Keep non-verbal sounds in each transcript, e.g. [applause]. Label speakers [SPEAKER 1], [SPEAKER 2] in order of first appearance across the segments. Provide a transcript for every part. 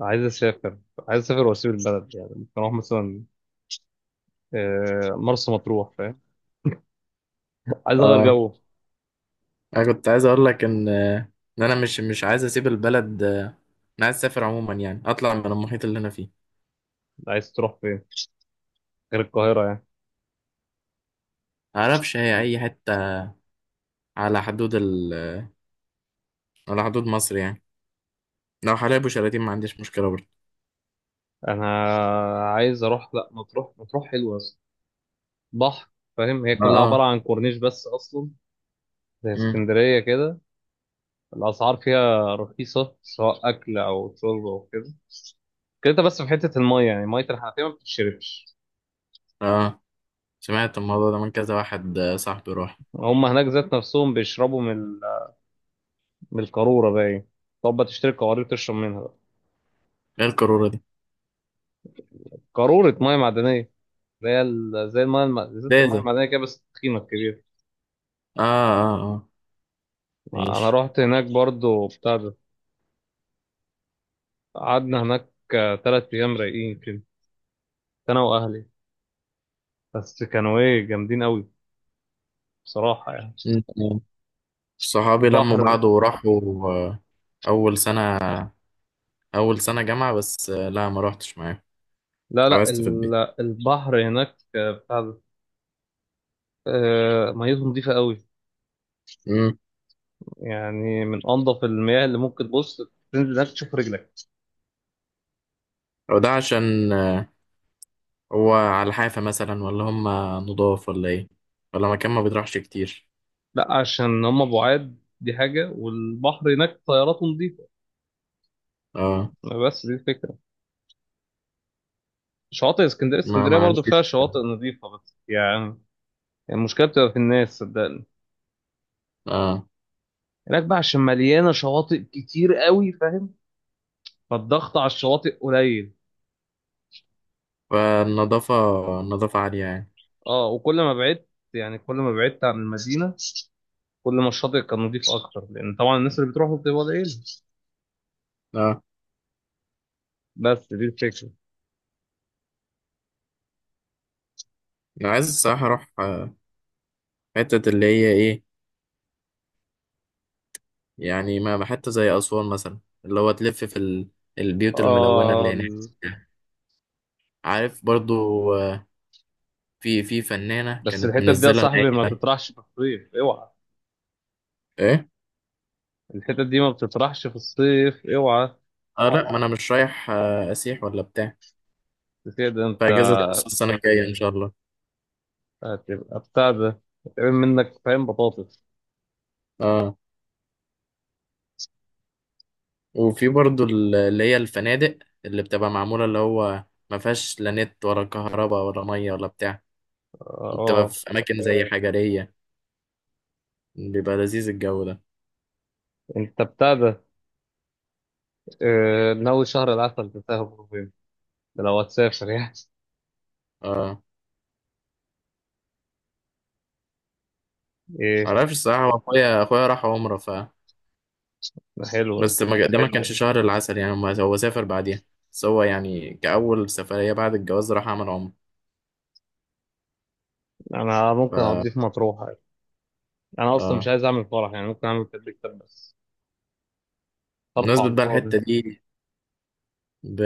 [SPEAKER 1] عايز اسافر عايز اسافر واسيب البلد، يعني ممكن اروح مثلا مرسى مطروح، فاهم؟ عايز اغير
[SPEAKER 2] اه،
[SPEAKER 1] جو.
[SPEAKER 2] انا كنت عايز اقول لك ان انا مش عايز اسيب البلد، انا عايز اسافر عموما، يعني اطلع من المحيط اللي انا فيه.
[SPEAKER 1] عايز تروح فين غير القاهره يعني؟
[SPEAKER 2] معرفش هي اي حته، على حدود ال... على حدود مصر يعني. لو حلايب وشلاتين ما عنديش مشكله برضه.
[SPEAKER 1] انا عايز اروح، لا مطروح، مطروح حلوه أصلاً. بحر، فاهم؟ هي
[SPEAKER 2] اه.
[SPEAKER 1] كلها عباره
[SPEAKER 2] اه.
[SPEAKER 1] عن كورنيش بس اصلا، زي
[SPEAKER 2] مم.
[SPEAKER 1] اسكندريه كده. الاسعار فيها رخيصه سواء اكل او شرب او كده كده، أنت بس في حته الميه، يعني ميه الحنفيه ما بتتشربش.
[SPEAKER 2] اه، سمعت الموضوع ده من كذا واحد، صاحبي راح.
[SPEAKER 1] هم هناك ذات نفسهم بيشربوا من من القاروره باين. طب بتشتري قوارير تشرب منها بقى.
[SPEAKER 2] ايه القاروره دي؟
[SPEAKER 1] قارورة مية معدنية، اللي هي زي زي
[SPEAKER 2] ده
[SPEAKER 1] المايه
[SPEAKER 2] ده
[SPEAKER 1] المعدنيه كده، بس تخينه كبيره.
[SPEAKER 2] اه اه اه.
[SPEAKER 1] انا
[SPEAKER 2] ماشي.
[SPEAKER 1] رحت هناك برضو بتاع ده، قعدنا هناك تلات ايام رايقين كده، انا واهلي، بس كانوا ايه جامدين قوي، بصراحه يعني.
[SPEAKER 2] مم. صحابي لموا
[SPEAKER 1] البحر،
[SPEAKER 2] بعض وراحوا. آه، اول سنه اول سنه جامعه بس، لا ما روحتش معاهم.
[SPEAKER 1] لا لا
[SPEAKER 2] اتحبست في
[SPEAKER 1] ال- البحر هناك بتاع ده، ميته نظيفه قوي،
[SPEAKER 2] البيت.
[SPEAKER 1] يعني من انظف المياه اللي ممكن تبص تنزل هناك تشوف رجلك.
[SPEAKER 2] أو ده عشان، هو على الحافة مثلا، ولا هم نضاف ولا إيه، ولا مكان ما بيطرحش كتير؟
[SPEAKER 1] لا عشان هم بعاد، دي حاجه، والبحر هناك طياراته نظيفه،
[SPEAKER 2] اه.
[SPEAKER 1] بس دي الفكره. شواطئ اسكندريه،
[SPEAKER 2] ما
[SPEAKER 1] اسكندريه
[SPEAKER 2] ما
[SPEAKER 1] برضو فيها
[SPEAKER 2] عنديش.
[SPEAKER 1] شواطئ نظيفه بس يعني، يعني المشكله بتبقى في الناس صدقني.
[SPEAKER 2] اه.
[SPEAKER 1] هناك بقى عشان مليانه شواطئ كتير قوي، فاهم؟ فالضغط على الشواطئ قليل.
[SPEAKER 2] فالنظافة، النظافة عالية يعني.
[SPEAKER 1] اه، وكل ما بعدت، يعني كل ما بعدت عن المدينه، كل ما الشاطئ كان نظيف اكتر، لان طبعا الناس اللي بتروحوا بتبقى قليله.
[SPEAKER 2] اه.
[SPEAKER 1] بس دي الفكره.
[SPEAKER 2] أنا عايز الصراحة أروح، حتة اللي هي إيه، يعني ما حتة زي أسوان مثلا، اللي هو تلف في ال... البيوت الملونة
[SPEAKER 1] اه
[SPEAKER 2] اللي هناك.
[SPEAKER 1] ال-
[SPEAKER 2] عارف برضو. آه، في فنانة
[SPEAKER 1] بس
[SPEAKER 2] كانت
[SPEAKER 1] الحتت دي يا
[SPEAKER 2] منزلة إن
[SPEAKER 1] صاحبي ما
[SPEAKER 2] هي
[SPEAKER 1] تطرحش في الصيف اوعى.
[SPEAKER 2] إيه.
[SPEAKER 1] الحتت دي ما بتطرحش في الصيف اوعى.
[SPEAKER 2] اه، لا ما أنا مش رايح، أسيح ولا بتاع.
[SPEAKER 1] كده انت
[SPEAKER 2] فأجازة نص السنة الجاية إن شاء الله.
[SPEAKER 1] هتبقى بتاع ده، هتعمل منك فاهم بطاطس.
[SPEAKER 2] اه. وفي برضو ال- اللي هي الفنادق اللي بتبقى معمولة، اللي هو ما فيهاش لا نت ولا كهرباء ولا مية ولا بتاع.
[SPEAKER 1] اه
[SPEAKER 2] وبتبقى
[SPEAKER 1] آه.
[SPEAKER 2] في أماكن زي حجرية، بيبقى لذيذ الجو ده.
[SPEAKER 1] انت بتاع ده، اه، ناوي شهر العسل تسافر فين؟ ده لو هتسافر يعني.
[SPEAKER 2] اه.
[SPEAKER 1] ايه؟
[SPEAKER 2] معرفش الصراحة، هو أخويا راح عمرة. ف
[SPEAKER 1] ده حلو ده.
[SPEAKER 2] بس ما ج- ده ما حلو كانش شهر العسل يعني، ما- هو سافر بعديها. بس هو يعني كأول سفرية بعد الجواز راح عمل عمرة.
[SPEAKER 1] انا ممكن اقضيه
[SPEAKER 2] ف
[SPEAKER 1] في مطروح يعني. انا اصلا مش
[SPEAKER 2] اه،
[SPEAKER 1] عايز اعمل فرح، يعني ممكن اعمل كده كتاب بس، صرف
[SPEAKER 2] بمناسبة
[SPEAKER 1] على
[SPEAKER 2] بقى
[SPEAKER 1] الفاضي.
[SPEAKER 2] الحتة دي، ب...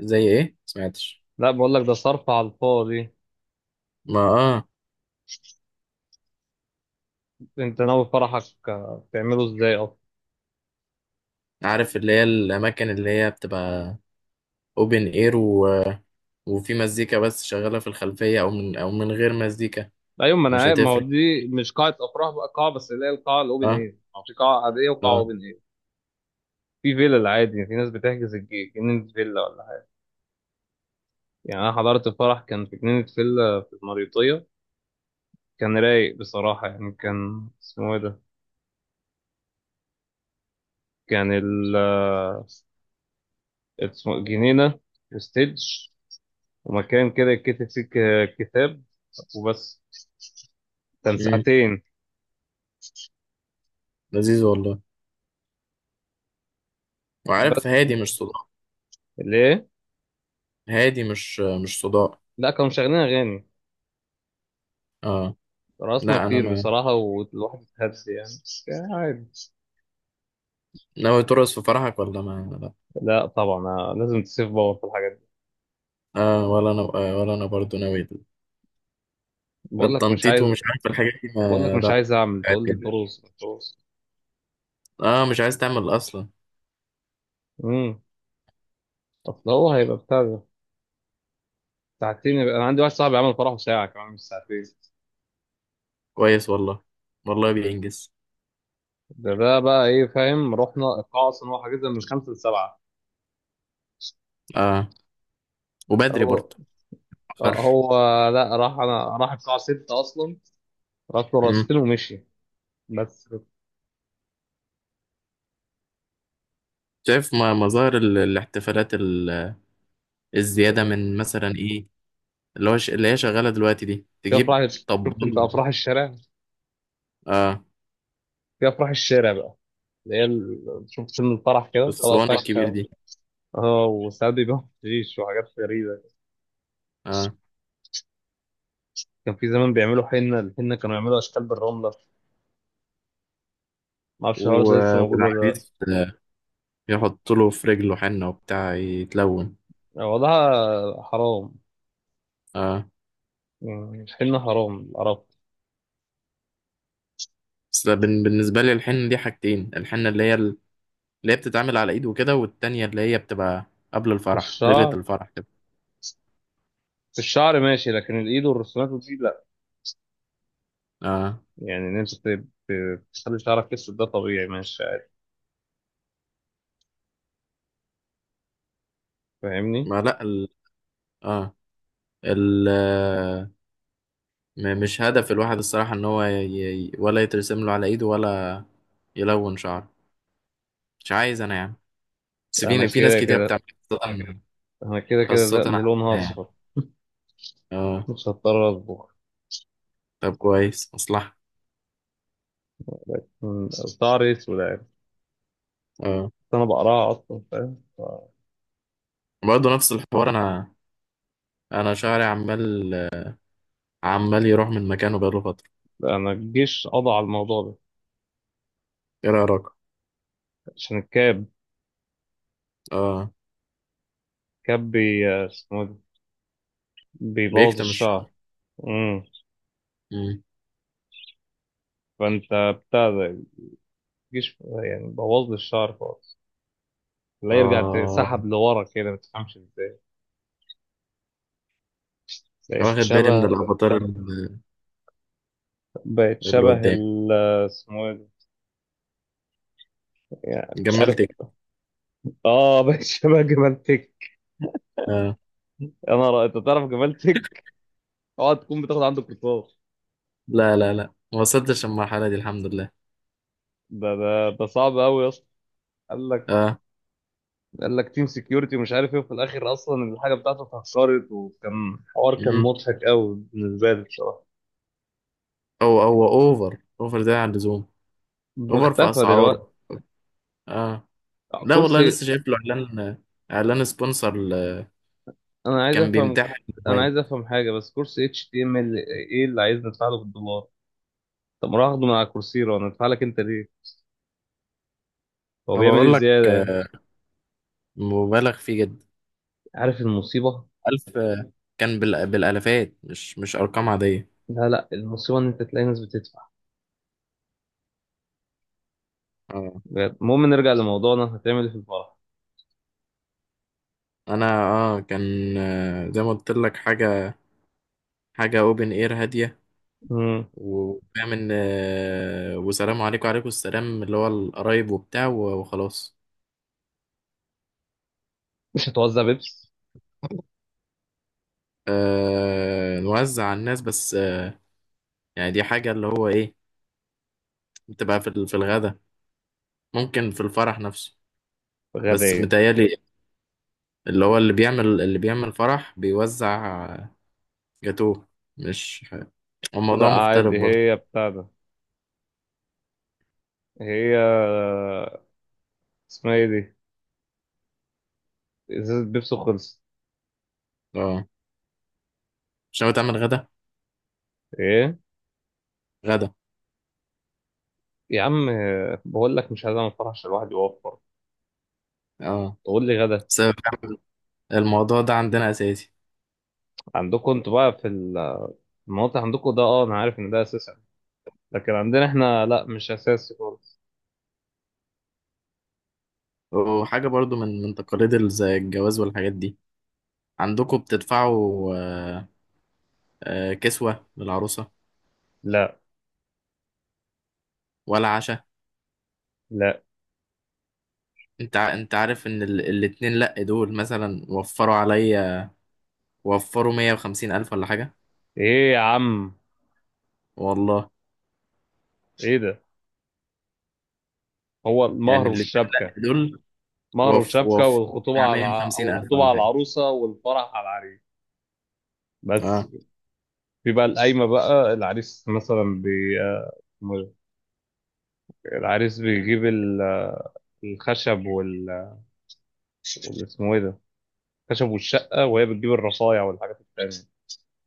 [SPEAKER 2] زي إيه؟ سمعتش؟
[SPEAKER 1] لا بقول لك ده صرف على الفاضي.
[SPEAKER 2] ما اه.
[SPEAKER 1] انت ناوي فرحك اه، تعمله ازاي اصلا؟
[SPEAKER 2] عارف اللي هي الأماكن اللي هي بتبقى اوبن اير، وفي مزيكا بس شغالة في الخلفية، أو من أو من غير مزيكا.
[SPEAKER 1] ايوه ما انا
[SPEAKER 2] مش
[SPEAKER 1] عارف، ما هو
[SPEAKER 2] هتفرق.
[SPEAKER 1] دي مش قاعه افراح بقى، قاعه بس اللي هي القاعه الاوبن
[SPEAKER 2] اه.
[SPEAKER 1] اير، او في قاعه عاديه وقاعه
[SPEAKER 2] اه.
[SPEAKER 1] اوبن اير. في فيلا العادي، في ناس بتحجز الجنينه فيلا ولا حاجه. يعني انا حضرت فرح كان في جنينه فيلا في المريوطيه، كان رايق بصراحة، يعني كان اسمه ايه ده، كان ال، اسمه جنينة وستيدج، ومكان كده يتكتب فيه كتاب، وبس. كان
[SPEAKER 2] امم.
[SPEAKER 1] ساعتين
[SPEAKER 2] لذيذ والله. وعارف
[SPEAKER 1] بس.
[SPEAKER 2] هادي مش صداع.
[SPEAKER 1] ليه؟
[SPEAKER 2] هادي مش صداع.
[SPEAKER 1] لا كانوا مشغلين أغاني،
[SPEAKER 2] اه،
[SPEAKER 1] رقصنا
[SPEAKER 2] لا أنا
[SPEAKER 1] كتير
[SPEAKER 2] ما.
[SPEAKER 1] بصراحة والواحد اتهبس يعني، كان عادي.
[SPEAKER 2] ناوي ترقص في فرحك ولا ما لا؟
[SPEAKER 1] لا طبعا، أنا لازم تسيف باور في الحاجات دي.
[SPEAKER 2] اه، ولا أنا، آه ولا أنا برضو ناوي.
[SPEAKER 1] بقول لك مش
[SPEAKER 2] التنطيط
[SPEAKER 1] عايز،
[SPEAKER 2] ومش عارف الحاجات دي
[SPEAKER 1] بقول لك
[SPEAKER 2] ما
[SPEAKER 1] مش
[SPEAKER 2] لا.
[SPEAKER 1] عايز أعمل تقول لي طروس مش طروس.
[SPEAKER 2] اه، مش عايز تعمل أصلا.
[SPEAKER 1] امم طب هو هيبقى بتاع ده. ساعتين يبقى؟ أنا عندي واحد صاحبي عمل فرحه ساعة كمان، مش ساعتين.
[SPEAKER 2] كويس والله. والله بينجز.
[SPEAKER 1] ده ده بقى ايه، فاهم؟ رحنا القاعة اصلا، هو حاجزها من خمسة لسبعة.
[SPEAKER 2] اه. وبدري
[SPEAKER 1] هو
[SPEAKER 2] برضه. متأخرش.
[SPEAKER 1] هو لا، راح، انا راح القاعة ستة اصلا، راح له
[SPEAKER 2] امم.
[SPEAKER 1] راستين ومشي بس.
[SPEAKER 2] شايف ما- مظاهر ال- الاحتفالات ال- الزيادة، من مثلا ايه اللي هو ش... اللي هي شغالة دلوقتي دي،
[SPEAKER 1] في
[SPEAKER 2] تجيب
[SPEAKER 1] افراح، شفت انت
[SPEAKER 2] طبال.
[SPEAKER 1] افراح الشارع؟
[SPEAKER 2] اه.
[SPEAKER 1] في افراح الشارع بقى، اللي شفت فيلم الفرح كده طلع
[SPEAKER 2] الصواني الكبير
[SPEAKER 1] فاكهة.
[SPEAKER 2] دي.
[SPEAKER 1] اه وساعات بيبيعوا حشيش وحاجات غريبة.
[SPEAKER 2] اه.
[SPEAKER 1] كان في زمان بيعملوا حنة، الحنة كانوا يعملوا أشكال بالرملة، ما أعرفش الحوار
[SPEAKER 2] و...
[SPEAKER 1] ده لسه موجود ولا.
[SPEAKER 2] والعريس، يحط له في رجله حنة وبتاع يتلون.
[SPEAKER 1] لأ وضعها حرام،
[SPEAKER 2] اه.
[SPEAKER 1] يعني الحنة حرام، عرفت؟
[SPEAKER 2] بس ده بن... بالنسبة لي الحنة دي حاجتين: الحنة اللي هي ال- اللي هي بتتعمل على ايد وكده، والتانية اللي هي بتبقى قبل الفرح، ليلة
[SPEAKER 1] الشعر،
[SPEAKER 2] الفرح كده.
[SPEAKER 1] الشعر ماشي، لكن الايد والرسومات ودي لا.
[SPEAKER 2] اه.
[SPEAKER 1] يعني ان انت تخلي شعرك اسود، ده طبيعي ماشي عادي، فاهمني؟
[SPEAKER 2] ما لا ال... اه. ال م- مش هدف الواحد الصراحة ان هو ي... ي- ولا يترسم له على ايده، ولا يلون شعره. مش عايز انا يعني. بس
[SPEAKER 1] انا
[SPEAKER 2] في ناس
[SPEAKER 1] كده
[SPEAKER 2] كتير
[SPEAKER 1] كده
[SPEAKER 2] بتعمل، خاصة،
[SPEAKER 1] انا كده كده
[SPEAKER 2] خاصة
[SPEAKER 1] ده من
[SPEAKER 2] عندنا
[SPEAKER 1] لونها
[SPEAKER 2] يعني.
[SPEAKER 1] اصفر. [laughs]
[SPEAKER 2] اه.
[SPEAKER 1] مش هضطر اصبغ.
[SPEAKER 2] طب كويس مصلحة.
[SPEAKER 1] من- شعري اسود يعني،
[SPEAKER 2] اه.
[SPEAKER 1] انا بقراها اصلا، فاهم
[SPEAKER 2] برضه نفس الحوار. انا، انا شعري عمال، عمال يروح من مكانه بقاله فترة.
[SPEAKER 1] لا، انا الجيش قضى على الموضوع ده،
[SPEAKER 2] ايه رأيك؟
[SPEAKER 1] عشان الكاب.
[SPEAKER 2] اه.
[SPEAKER 1] كاب بي اسمه إيه ده، بيبوظ
[SPEAKER 2] بيكتم
[SPEAKER 1] الشعر.
[SPEAKER 2] الشعر.
[SPEAKER 1] امم
[SPEAKER 2] مم.
[SPEAKER 1] فانت بتاع ده، الجيش يعني بوظ لي الشعر خالص، لا يرجع
[SPEAKER 2] اه،
[SPEAKER 1] سحب لورا كده ما تفهمش ازاي. بقت
[SPEAKER 2] واخد بالي من
[SPEAKER 1] شبه،
[SPEAKER 2] الافاتار اللي
[SPEAKER 1] بقت
[SPEAKER 2] اللي
[SPEAKER 1] شبه
[SPEAKER 2] قدامي.
[SPEAKER 1] ال، اسمه ايه ده؟ يعني مش عارف.
[SPEAKER 2] جملت إيه؟
[SPEAKER 1] اه [laughs] بقت شبه جمال تك.
[SPEAKER 2] اه.
[SPEAKER 1] انا رأي. انت تعرف جمال تك؟ اوعى تكون بتاخد عنده كورسات.
[SPEAKER 2] لا لا لا، ما وصلتش المرحلة دي الحمد لله.
[SPEAKER 1] ده ده ده صعب قوي يا اسطى. قال لك،
[SPEAKER 2] اه.
[SPEAKER 1] قال لك تيم سكيورتي ومش عارف ايه، وفي الاخر اصلا الحاجه بتاعته اتهكرت، وكان حوار كان
[SPEAKER 2] مم.
[SPEAKER 1] مضحك قوي بالنسبه لي بصراحه.
[SPEAKER 2] هو اوفر ده عن اللزوم. اوفر في
[SPEAKER 1] مختفى
[SPEAKER 2] اسعاره.
[SPEAKER 1] دلوقتي.
[SPEAKER 2] اه. لا والله
[SPEAKER 1] كرسي،
[SPEAKER 2] لسه شايف له اعلان، اعلان سبونسر ل-.
[SPEAKER 1] انا عايز
[SPEAKER 2] كان
[SPEAKER 1] افهم،
[SPEAKER 2] بيمتحن
[SPEAKER 1] انا عايز
[SPEAKER 2] مواد.
[SPEAKER 1] افهم حاجه بس، كرسي اتش تي ام ال، ايه اللي عايز ندفع له بالدولار؟ طب ما اروح اخده من على كورسيرا، وندفع لك انت ليه؟ هو
[SPEAKER 2] ما
[SPEAKER 1] بيعمل ايه
[SPEAKER 2] بقول لك،
[SPEAKER 1] زياده يعني؟
[SPEAKER 2] مبالغ فيه جدا.
[SPEAKER 1] عارف المصيبة؟
[SPEAKER 2] الف، كان بال- بالالافات، مش ارقام عاديه.
[SPEAKER 1] لا المصيبة ان انت تلاقي ناس بتدفع
[SPEAKER 2] اه.
[SPEAKER 1] بجد. المهم نرجع لموضوعنا، هتعمل ايه في الفرح؟
[SPEAKER 2] انا اه كان، زي ما قلت لك، حاجه اوبن اير هاديه.
[SPEAKER 1] مم.
[SPEAKER 2] وفاهم ان، وسلام عليكم وعليكم السلام، اللي هو القرايب وبتاع و- وخلاص.
[SPEAKER 1] مش هتوزع بيبس
[SPEAKER 2] آه، نوزع على الناس بس، يعني دي حاجه اللي هو ايه، بتبقى في ال- في الغدا، ممكن في الفرح نفسه. بس
[SPEAKER 1] غبية؟
[SPEAKER 2] متهيألي اللي هو اللي بيعمل فرح بيوزع جاتوه. مش ح-. هو الموضوع
[SPEAKER 1] لا
[SPEAKER 2] مختلف
[SPEAKER 1] عادي،
[SPEAKER 2] برضه.
[SPEAKER 1] هي بتاع ده، هي اسمها ايه دي، ازازة بيبسي خلصت.
[SPEAKER 2] اه. مش ناوي تعمل غدا؟
[SPEAKER 1] ايه
[SPEAKER 2] غدا.
[SPEAKER 1] يا عم؟ بقول لك مش عايز اعمل فرح عشان الواحد يوفر،
[SPEAKER 2] اه.
[SPEAKER 1] تقول لي غدا.
[SPEAKER 2] بس فعلاً الموضوع ده عندنا اساسي.
[SPEAKER 1] عندكم انتوا بقى في المناطق عندكم ده، اه انا عارف ان ده اساسي، لكن عندنا احنا لا، مش اساسي خالص.
[SPEAKER 2] وحاجة برضو من تقاليد ال- زي الجواز والحاجات دي، عندكم بتدفعوا، آه، كسوة للعروسة،
[SPEAKER 1] لا،
[SPEAKER 2] ولا عشاء؟
[SPEAKER 1] لا.
[SPEAKER 2] انت ع- انت عارف ان ال- الاتنين لا دول مثلا وفروا عليا، وفروا 150,000 ولا حاجة.
[SPEAKER 1] ايه يا عم؟
[SPEAKER 2] والله.
[SPEAKER 1] ايه ده؟ هو المهر
[SPEAKER 2] يعني الاتنين
[SPEAKER 1] والشبكة،
[SPEAKER 2] لا دول.
[SPEAKER 1] مهر
[SPEAKER 2] وف
[SPEAKER 1] وشبكة،
[SPEAKER 2] وف
[SPEAKER 1] والخطوبة
[SPEAKER 2] بتاع
[SPEAKER 1] على أو
[SPEAKER 2] 150,000
[SPEAKER 1] الخطوبة على
[SPEAKER 2] ولا حاجة.
[SPEAKER 1] العروسة والفرح على العريس، بس.
[SPEAKER 2] اه.
[SPEAKER 1] في بقى القايمة بقى، العريس مثلا بي... آه، العريس بيجيب الخشب وال وال- اسمه ايه ده، الخشب والشقة، وهي بتجيب الرصايع والحاجات التانية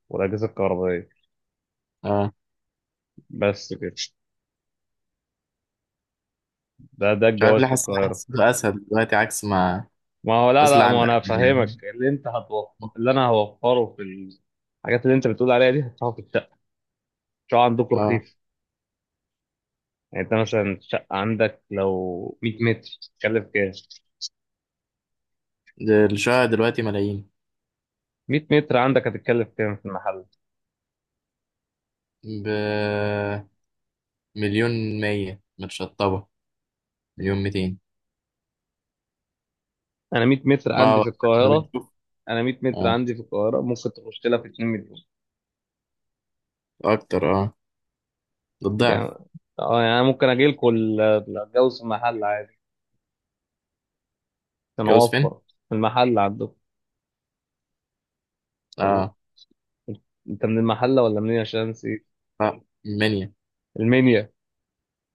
[SPEAKER 1] والأجهزة الكهربائية،
[SPEAKER 2] اه.
[SPEAKER 1] بس كده. ده ده
[SPEAKER 2] مش عارف
[SPEAKER 1] الجواز
[SPEAKER 2] ليه
[SPEAKER 1] في
[SPEAKER 2] حاسس
[SPEAKER 1] القاهرة.
[SPEAKER 2] حسيته أسهل دلوقتي عكس ما.
[SPEAKER 1] ما هو لا،
[SPEAKER 2] أصل
[SPEAKER 1] لا، ما هو
[SPEAKER 2] عندك.
[SPEAKER 1] أنا هفهمك، اللي أنت هتوفر اللي أنا هوفره في الحاجات اللي أنت بتقول عليها دي، هدفعه في الشقة. شو عندكم
[SPEAKER 2] اه.
[SPEAKER 1] رخيص؟ يعني انت مثلا شقة عندك لو 100 متر تتكلف كام؟
[SPEAKER 2] ده الشقة دلوقتي ملايين.
[SPEAKER 1] 100 متر عندك هتتكلف كام في المحل؟
[SPEAKER 2] بمليون. مية متشطبة. مليون ميتين.
[SPEAKER 1] انا 100 متر
[SPEAKER 2] ما
[SPEAKER 1] عندي
[SPEAKER 2] هو
[SPEAKER 1] في
[SPEAKER 2] احنا
[SPEAKER 1] القاهرة،
[SPEAKER 2] بنشوف.
[SPEAKER 1] انا 100 متر
[SPEAKER 2] اه.
[SPEAKER 1] عندي في القاهرة ممكن تخش لها في 2 مليون
[SPEAKER 2] أكتر اه. ده
[SPEAKER 1] يعني.
[SPEAKER 2] الضعف.
[SPEAKER 1] اه، يعني أنا ممكن اجي لكم اتجوز في المحل عادي عشان
[SPEAKER 2] جوز فين؟
[SPEAKER 1] اوفر. في المحل عندكم، ولا
[SPEAKER 2] اه.
[SPEAKER 1] انت من المحلة ولا منين؟ عشان نسيت.
[SPEAKER 2] لا، منيا.
[SPEAKER 1] المنيا؟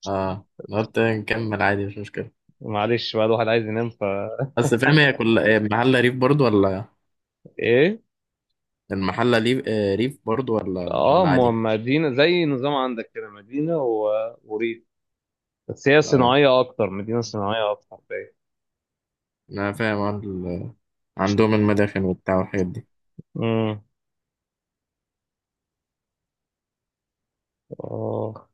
[SPEAKER 2] اه، أنا قلت نكمل عادي، مش مشكلة.
[SPEAKER 1] معلش بقى، الواحد عايز ينام فا.
[SPEAKER 2] بس فاهم هي كل محلة ريف برضو ولا؟
[SPEAKER 1] ايه؟
[SPEAKER 2] المحلة ريف، ريف برضو ولا
[SPEAKER 1] اه،
[SPEAKER 2] ولا
[SPEAKER 1] ما
[SPEAKER 2] عادي؟
[SPEAKER 1] مدينة، زي نظام عندك كده، مدينة و... وريف، بس هي
[SPEAKER 2] آه.
[SPEAKER 1] صناعية أكتر، مدينة صناعية أكتر باين.
[SPEAKER 2] انا فاهم عن- عندهم المداخن وبتاع والحاجات دي.
[SPEAKER 1] امم، آه.